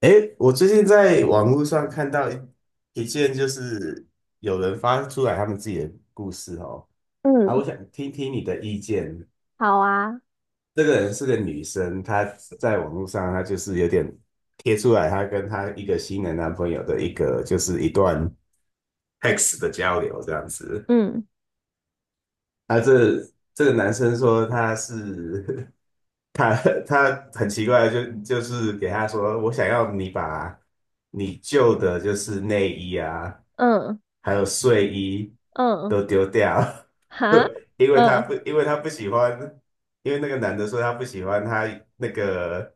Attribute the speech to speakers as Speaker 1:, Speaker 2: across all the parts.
Speaker 1: 诶，我最近在网络上看到一件，就是有人发出来他们自己的故事哦。啊，我
Speaker 2: 嗯，
Speaker 1: 想听听你的意见。
Speaker 2: 好啊，
Speaker 1: 这个人是个女生，她在网络上，她就是有点贴出来，她跟她一个新的男朋友的一个，就是一段 text 的交流这样子。
Speaker 2: 嗯
Speaker 1: 啊，这个男生说他是 他很奇怪，就是给他说，我想要你把你旧的就是内衣啊。
Speaker 2: 嗯
Speaker 1: 还有睡衣
Speaker 2: 嗯，
Speaker 1: 都丢掉。
Speaker 2: 哈，嗯
Speaker 1: 因为他不喜欢，因为那个男的说他不喜欢他那个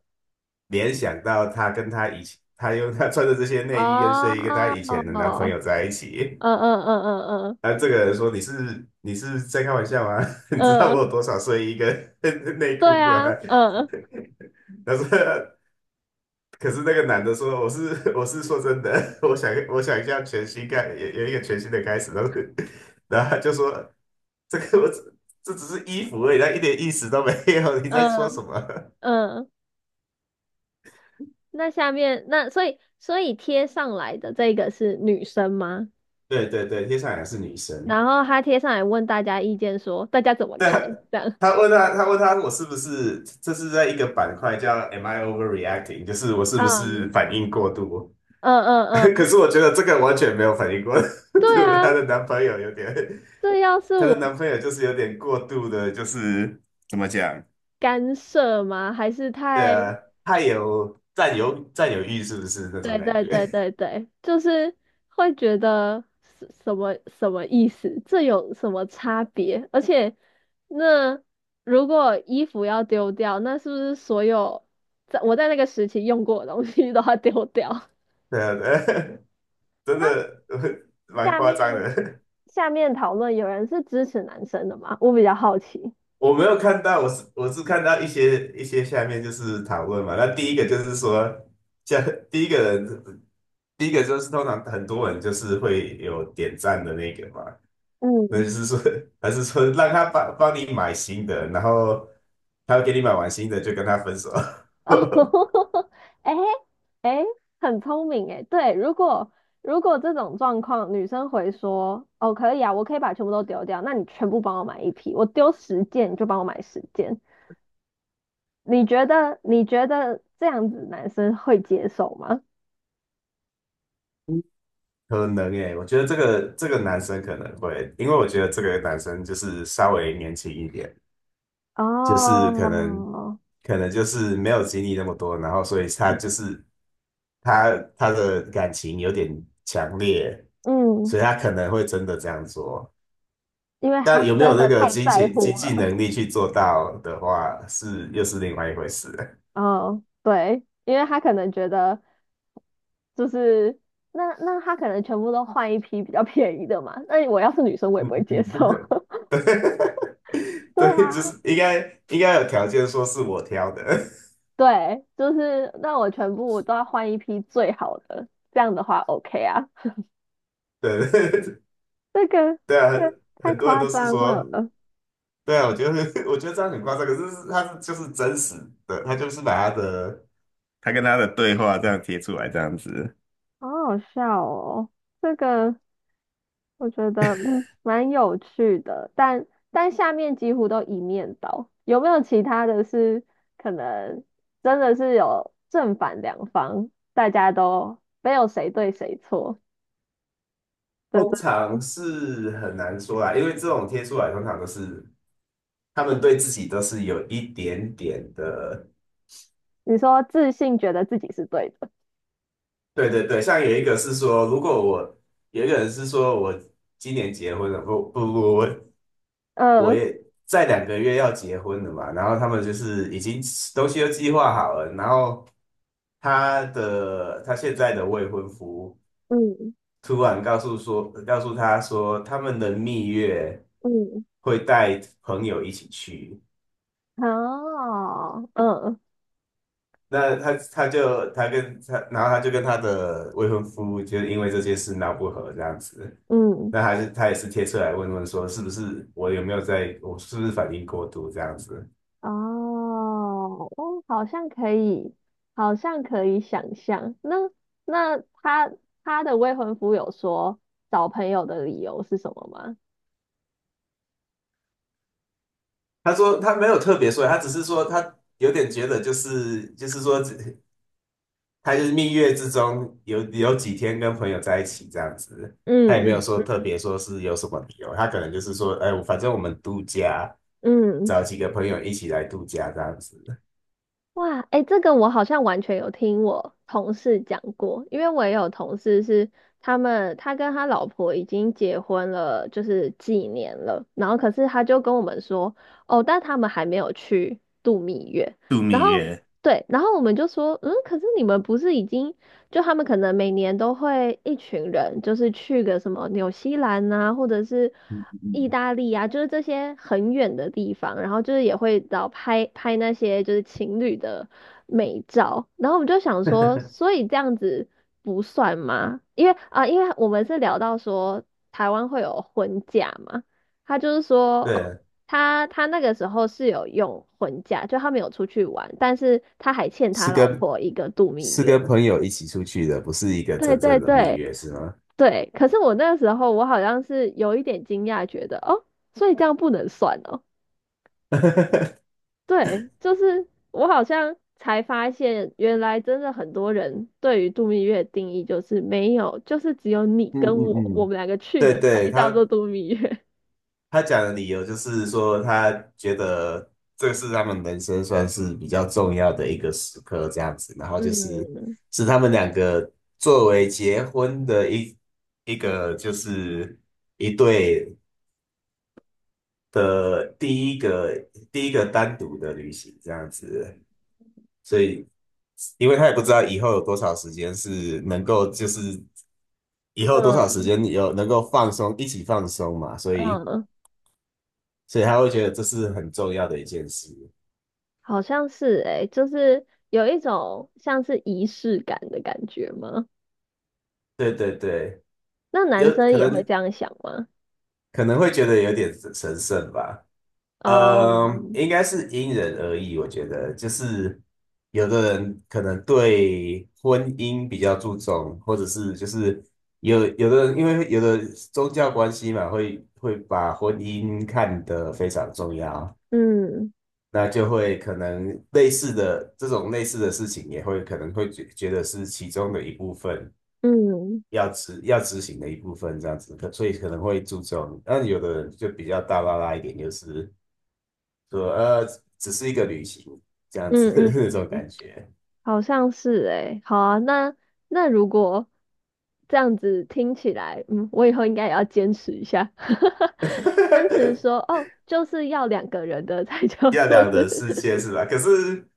Speaker 1: 联想到他跟他以前，他用他穿的这些内衣跟睡衣跟他以
Speaker 2: 哦，
Speaker 1: 前的男朋友在一起。
Speaker 2: 嗯嗯嗯嗯
Speaker 1: 啊，这个人说你是在开玩笑吗？你知
Speaker 2: 嗯
Speaker 1: 道我
Speaker 2: 嗯，
Speaker 1: 有多少睡衣跟 内裤
Speaker 2: 对
Speaker 1: 吗？
Speaker 2: 啊，嗯
Speaker 1: 他说可是那个男的说："我是 我是说真的，我想一下全新开有有一个全新的开始。"然后 然后他就说："这个我只这只是衣服而已，它一点意思都没有，你在说什
Speaker 2: 嗯
Speaker 1: 么？"
Speaker 2: 嗯，那下面那所以所以贴上来的这个是女生吗？
Speaker 1: 对对对，接下来是女生。
Speaker 2: 然后她贴上来问大家意见说，大家怎么
Speaker 1: 对，
Speaker 2: 看？这样，
Speaker 1: 他问他我是不是这是在一个板块叫 "Am I overreacting",就是我是不
Speaker 2: 嗯
Speaker 1: 是反应过度？
Speaker 2: 嗯嗯
Speaker 1: 可
Speaker 2: 嗯，
Speaker 1: 是我觉得这个完全没有反应过
Speaker 2: 对
Speaker 1: 度。
Speaker 2: 啊，这要是
Speaker 1: 她
Speaker 2: 我
Speaker 1: 的男朋友就是有点过度的，就是。怎么讲？
Speaker 2: 干涉吗？还是
Speaker 1: 对
Speaker 2: 太？
Speaker 1: 啊，太有占有欲是不是那种
Speaker 2: 对
Speaker 1: 感
Speaker 2: 对对
Speaker 1: 觉？
Speaker 2: 对对，就是会觉得什么什么意思？这有什么差别？而且，那如果衣服要丢掉，那是不是所有在那个时期用过的东西都要丢掉？
Speaker 1: 对啊，对啊。 真
Speaker 2: 那
Speaker 1: 的蛮
Speaker 2: 下
Speaker 1: 夸张
Speaker 2: 面
Speaker 1: 的。
Speaker 2: 讨论有人是支持男生的吗？我比较好奇。
Speaker 1: 我没有看到，我是看到一些下面就是讨论嘛。那第一个就是说，像第一个人，第一个就是通常很多人就是会有点赞的那个嘛。那
Speaker 2: 嗯
Speaker 1: 就是说，还是说让他帮帮你买新的，然后他给你买完新的就跟他分手。
Speaker 2: 哦，哎哎，很聪明哎。对，如果这种状况，女生回说：“哦，可以啊，我可以把全部都丢掉，那你全部帮我买一批，我丢十件，你就帮我买十件。”你觉得这样子男生会接受吗？
Speaker 1: 可能诶，我觉得这个男生可能会，因为我觉得这个男生就是稍微年轻一点，就是可能
Speaker 2: 哦，
Speaker 1: 可能就是没有经历那么多，然后所以他就是他他的感情有点强烈，
Speaker 2: 嗯，
Speaker 1: 所以他可能会真的这样做。
Speaker 2: 因为他
Speaker 1: 但有没
Speaker 2: 真
Speaker 1: 有那
Speaker 2: 的
Speaker 1: 个
Speaker 2: 太
Speaker 1: 经
Speaker 2: 在
Speaker 1: 济经
Speaker 2: 乎了。
Speaker 1: 济能力去做到的话，是又是另外一回事。
Speaker 2: 哦，对，因为他可能觉得就是那他可能全部都换一批比较便宜的嘛。那我要是女生，我也不
Speaker 1: 嗯
Speaker 2: 会接受。
Speaker 1: 嗯。
Speaker 2: 对
Speaker 1: 对，就
Speaker 2: 啊，
Speaker 1: 是应该有条件说是我挑的。
Speaker 2: 对，就是那我全部都要换一批最好的，这样的话 OK 啊。
Speaker 1: 对。
Speaker 2: 这个
Speaker 1: 对啊，
Speaker 2: 太
Speaker 1: 很多人
Speaker 2: 夸
Speaker 1: 都是
Speaker 2: 张
Speaker 1: 说，
Speaker 2: 了，
Speaker 1: 对啊，我觉得 我觉得这样很夸张，可是他是就是真实的，他就是把他跟他的对话这样贴出来，这样子。
Speaker 2: 好好笑哦。这个我觉得蛮有趣的，但下面几乎都一面倒。有没有其他的是可能真的是有正反两方，大家都没有谁对谁错的
Speaker 1: 通
Speaker 2: 这
Speaker 1: 常
Speaker 2: 种？
Speaker 1: 是很难说啦，因为这种贴出来通常都是他们对自己都是有一点点的。
Speaker 2: 你说自信觉得自己是对的，
Speaker 1: 对对对，像有一个是说，如果我有一个人是说我今年结婚了，不不不，我我
Speaker 2: 嗯
Speaker 1: 也在2个月要结婚了嘛，然后他们就是已经东西都计划好了，然后他现在的未婚夫
Speaker 2: 嗯
Speaker 1: 突然告诉说，告诉他说他们的蜜月
Speaker 2: 嗯。
Speaker 1: 会带朋友一起去。
Speaker 2: 哦，嗯
Speaker 1: 那他他就他跟他，然后他就跟他的未婚夫就是因为这件事闹不和这样子。
Speaker 2: 嗯，
Speaker 1: 那还是他也是贴出来问问说，是不是我有没有在，我是不是反应过度这样子？
Speaker 2: 哦，哦，好像可以，好像可以想象。那那他他的未婚夫有说找朋友的理由是什么吗？
Speaker 1: 他说他没有特别说，他只是说他有点觉得就是说他就是蜜月之中有几天跟朋友在一起这样子，他也没有
Speaker 2: 嗯
Speaker 1: 说
Speaker 2: 嗯
Speaker 1: 特别说是有什么理由，他可能就是说，哎，反正我们度假，
Speaker 2: 嗯。
Speaker 1: 找几个朋友一起来度假这样子。
Speaker 2: 哇，哎，这个我好像完全有听我同事讲过，因为我也有同事是他们，他跟他老婆已经结婚了，就是几年了，然后可是他就跟我们说，哦，但他们还没有去度蜜月，然后对，然后我们就说，嗯，可是你们不是已经就他们可能每年都会一群人，就是去个什么纽西兰啊，或者是
Speaker 1: 嗯
Speaker 2: 意
Speaker 1: 嗯
Speaker 2: 大利啊，就是这些很远的地方，然后就是也会拍拍那些就是情侣的美照，然后我们就想说，
Speaker 1: 嗯。
Speaker 2: 所以这样子不算吗？因为啊、因为我们是聊到说台湾会有婚假嘛，他就是 说哦。
Speaker 1: 对，
Speaker 2: 他那个时候是有用婚假，就他没有出去玩，但是他还欠他
Speaker 1: 是
Speaker 2: 老
Speaker 1: 跟
Speaker 2: 婆一个度蜜
Speaker 1: 是跟
Speaker 2: 月。
Speaker 1: 朋友一起出去的，不是一个
Speaker 2: 对
Speaker 1: 真
Speaker 2: 对
Speaker 1: 正的蜜
Speaker 2: 对
Speaker 1: 月，是吗？
Speaker 2: 对，可是我那个时候我好像是有一点惊讶，觉得哦，所以这样不能算哦。对，就是我好像才发现，原来真的很多人对于度蜜月的定义就是没有，就是只有你
Speaker 1: 嗯
Speaker 2: 跟我，
Speaker 1: 嗯
Speaker 2: 我
Speaker 1: 嗯，
Speaker 2: 们两个去
Speaker 1: 对
Speaker 2: 的才
Speaker 1: 对，
Speaker 2: 叫做
Speaker 1: 他
Speaker 2: 度蜜月。
Speaker 1: 他讲的理由就是说，他觉得这是他们人生算是比较重要的一个时刻，这样子。然 后就是
Speaker 2: 嗯
Speaker 1: 是他们两个作为结婚的一个就是一对的第一个单独的旅行这样子。所以，因为他也不知道以后有多少时间是能够就是以后多少时
Speaker 2: 嗯
Speaker 1: 间有能够放松一起放松嘛，所以
Speaker 2: 嗯，
Speaker 1: 他会觉得这是很重要的一件事。
Speaker 2: 好像是诶，就是有一种像是仪式感的感觉吗？
Speaker 1: 对对对，
Speaker 2: 那
Speaker 1: 有
Speaker 2: 男生
Speaker 1: 可
Speaker 2: 也会
Speaker 1: 能
Speaker 2: 这样想吗？
Speaker 1: 会觉得有点神圣吧。
Speaker 2: 哦，
Speaker 1: 嗯，应该是因人而异，我觉得就是有的人可能对婚姻比较注重，或者是就是有的人因为有的宗教关系嘛，会把婚姻看得非常重要，
Speaker 2: 嗯。
Speaker 1: 那就会可能类似的这种类似的事情也会可能会觉得是其中的一部分，
Speaker 2: 嗯
Speaker 1: 要执行的一部分这样子，所以可能会注重。那有的人就比较大拉拉一点，就是说只是一个旅行这样子
Speaker 2: 嗯
Speaker 1: 那
Speaker 2: 嗯，
Speaker 1: 种感觉。
Speaker 2: 好像是诶、好啊，那如果这样子听起来，嗯，我以后应该也要坚持一下，坚持说 哦，就是要两个人的 才叫
Speaker 1: 要
Speaker 2: 做
Speaker 1: 两人世界
Speaker 2: 是，
Speaker 1: 是吧？可是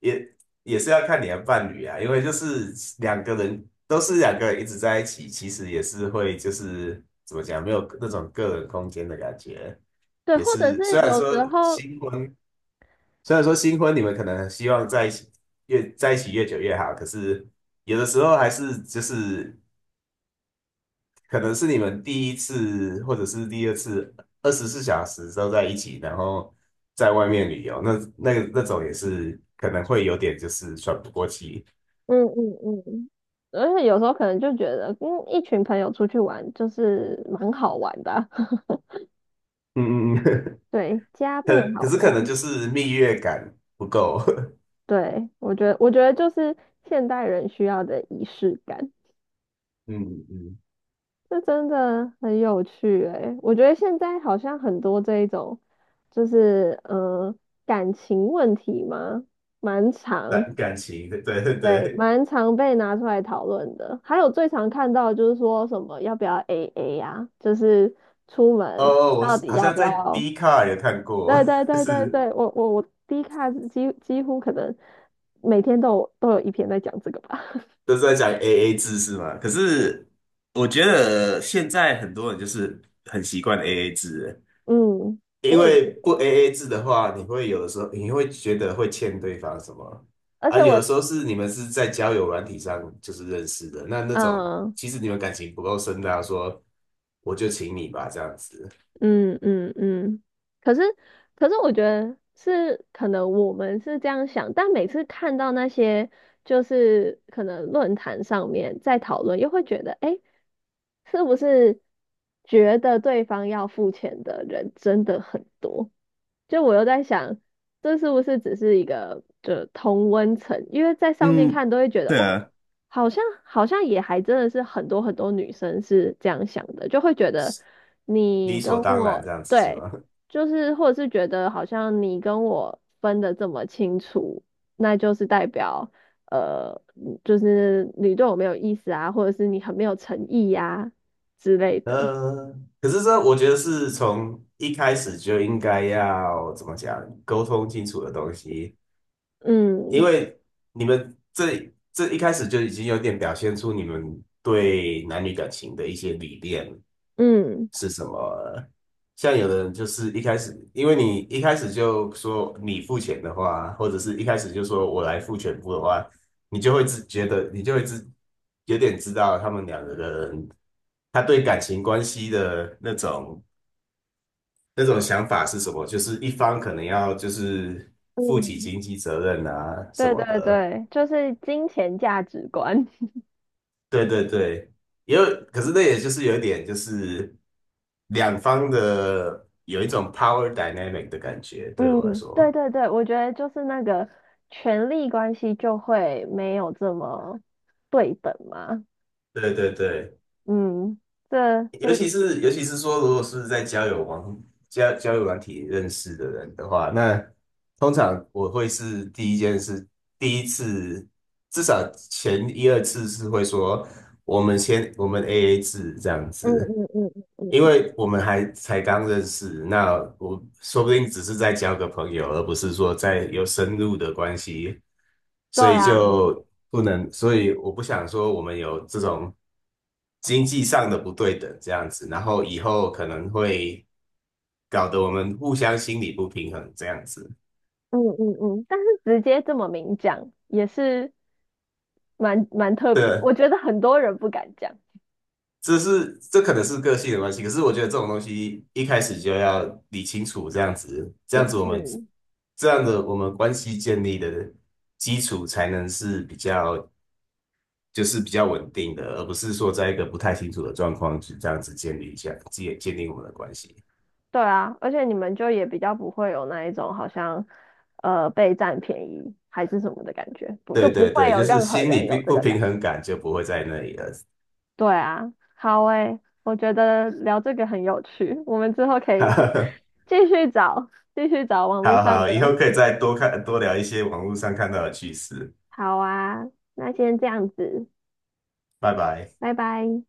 Speaker 1: 也也是要看你的伴侣啊，因为就是两个人都是两个人一直在一起，其实也是会就是怎么讲，没有那种个人空间的感觉。
Speaker 2: 对，
Speaker 1: 也
Speaker 2: 或者
Speaker 1: 是
Speaker 2: 是有时候，
Speaker 1: 新婚虽然说新婚你们可能希望在一起越在一起越久越好，可是有的时候还是就是可能是你们第一次或者是第二次24小时都在一起，然后在外面旅游，那种也是可能会有点就是喘不过气。
Speaker 2: 嗯嗯嗯，而且有时候可能就觉得，嗯，一群朋友出去玩就是蛮好玩的啊，
Speaker 1: 嗯嗯嗯。
Speaker 2: 对，加 倍
Speaker 1: 可可
Speaker 2: 好
Speaker 1: 是可能
Speaker 2: 玩，
Speaker 1: 就是蜜月感不够。
Speaker 2: 对，我觉得就是现代人需要的仪式感。
Speaker 1: 嗯嗯，
Speaker 2: 这真的很有趣诶，我觉得现在好像很多这一种，就是嗯，感情问题嘛，蛮常，
Speaker 1: 感情，对对
Speaker 2: 对，
Speaker 1: 对。
Speaker 2: 蛮常被拿出来讨论的。还有最常看到就是说什么要不要 AA 呀，就是出门
Speaker 1: 哦，我
Speaker 2: 到
Speaker 1: 是
Speaker 2: 底
Speaker 1: 好
Speaker 2: 要
Speaker 1: 像
Speaker 2: 不
Speaker 1: 在
Speaker 2: 要？
Speaker 1: d 卡 c a r 有看过。
Speaker 2: 对对 对对对，
Speaker 1: 是
Speaker 2: 我 D 卡几乎可能每天都有一篇在讲这个吧。
Speaker 1: 都是在讲 AA 制是吗？可是我觉得现在很多人就是很习惯 AA 制了，
Speaker 2: 嗯，
Speaker 1: 因
Speaker 2: 我也，
Speaker 1: 为不 AA 制的话，有的时候你会觉得会欠对方什么
Speaker 2: 而
Speaker 1: 啊？
Speaker 2: 且
Speaker 1: 有
Speaker 2: 我
Speaker 1: 的时候你们是在交友软体上就是认识的，那种
Speaker 2: 嗯。
Speaker 1: 其
Speaker 2: 呃
Speaker 1: 实你们感情不够深的家说我就请你吧，这样子。
Speaker 2: 嗯嗯嗯，可是可是我觉得是可能我们是这样想，但每次看到那些就是可能论坛上面在讨论，又会觉得，哎，是不是觉得对方要付钱的人真的很多？就我又在想，这是不是只是一个就同温层？因为在上面
Speaker 1: 嗯，
Speaker 2: 看都会觉得，
Speaker 1: 对
Speaker 2: 哦，
Speaker 1: 啊，
Speaker 2: 好像也还真的是很多女生是这样想的，就会觉得你
Speaker 1: 理所
Speaker 2: 跟
Speaker 1: 当然
Speaker 2: 我
Speaker 1: 这样子是
Speaker 2: 对，
Speaker 1: 吗？
Speaker 2: 就是或者是觉得好像你跟我分的这么清楚，那就是代表就是你对我没有意思啊，或者是你很没有诚意呀、之类的。
Speaker 1: 呃，可是这我觉得是从一开始就应该要怎么讲，沟通清楚的东西，因
Speaker 2: 嗯
Speaker 1: 为你们这一开始就已经有点表现出你们对男女感情的一些理念，
Speaker 2: 嗯
Speaker 1: 是什么？像有的人就是一开始，因为你一开始就说你付钱的话，或者是一开始就说我来付全部的话，你就会有点知道他们两个人他对感情关系的那种想法是什么，就是一方可能要就是负起
Speaker 2: 嗯。
Speaker 1: 经济责任啊什
Speaker 2: 对
Speaker 1: 么
Speaker 2: 对
Speaker 1: 的。
Speaker 2: 对，就是金钱价值观。
Speaker 1: 对对对，也有，可是那也就是有一点，就是两方的有一种 power dynamic 的感觉，对我来
Speaker 2: 嗯，对
Speaker 1: 说。
Speaker 2: 对对，我觉得就是那个权力关系就会没有这么对等嘛。
Speaker 1: 对对对，
Speaker 2: 嗯，这
Speaker 1: 尤
Speaker 2: 这，
Speaker 1: 其是尤其是说，如果是在交友软体认识的人的话，那通常我会是第一件事，第一次至少前一二次是会说，我们 AA 制这样
Speaker 2: 嗯
Speaker 1: 子。
Speaker 2: 嗯嗯嗯
Speaker 1: 因
Speaker 2: 嗯，
Speaker 1: 为我们还才刚认识，那我说不定只是在交个朋友，而不是说在有深入的关系，
Speaker 2: 对啊，
Speaker 1: 所以我不想说我们有这种经济上的不对等这样子，然后以后可能会搞得我们互相心理不平衡这样子。
Speaker 2: 嗯嗯嗯，但是直接这么明讲也是蛮特别，
Speaker 1: 对，
Speaker 2: 我觉得很多人不敢讲，
Speaker 1: 这可能是个性的关系，可是我觉得这种东西一开始就要理清楚，这样子，这
Speaker 2: 也
Speaker 1: 样子我们
Speaker 2: 是。
Speaker 1: 这样的我们关系建立的基础才能是比较稳定的，而不是说在一个不太清楚的状况就这样子建立一下建建立我们的关系。
Speaker 2: 对啊，而且你们就也比较不会有那一种好像呃被占便宜还是什么的感觉，不就
Speaker 1: 对
Speaker 2: 不
Speaker 1: 对
Speaker 2: 会
Speaker 1: 对，
Speaker 2: 有
Speaker 1: 就是
Speaker 2: 任何
Speaker 1: 心理
Speaker 2: 人有这
Speaker 1: 不
Speaker 2: 个感
Speaker 1: 平衡感就不会在那里了。
Speaker 2: 对啊，好诶，我觉得聊这个很有趣，我们之后可以 继续找，继续找网络
Speaker 1: 好
Speaker 2: 上
Speaker 1: 好，以
Speaker 2: 的。
Speaker 1: 后可以再多看多聊一些网络上看到的趣事。
Speaker 2: 好啊，那先这样子，
Speaker 1: 拜拜。
Speaker 2: 拜拜。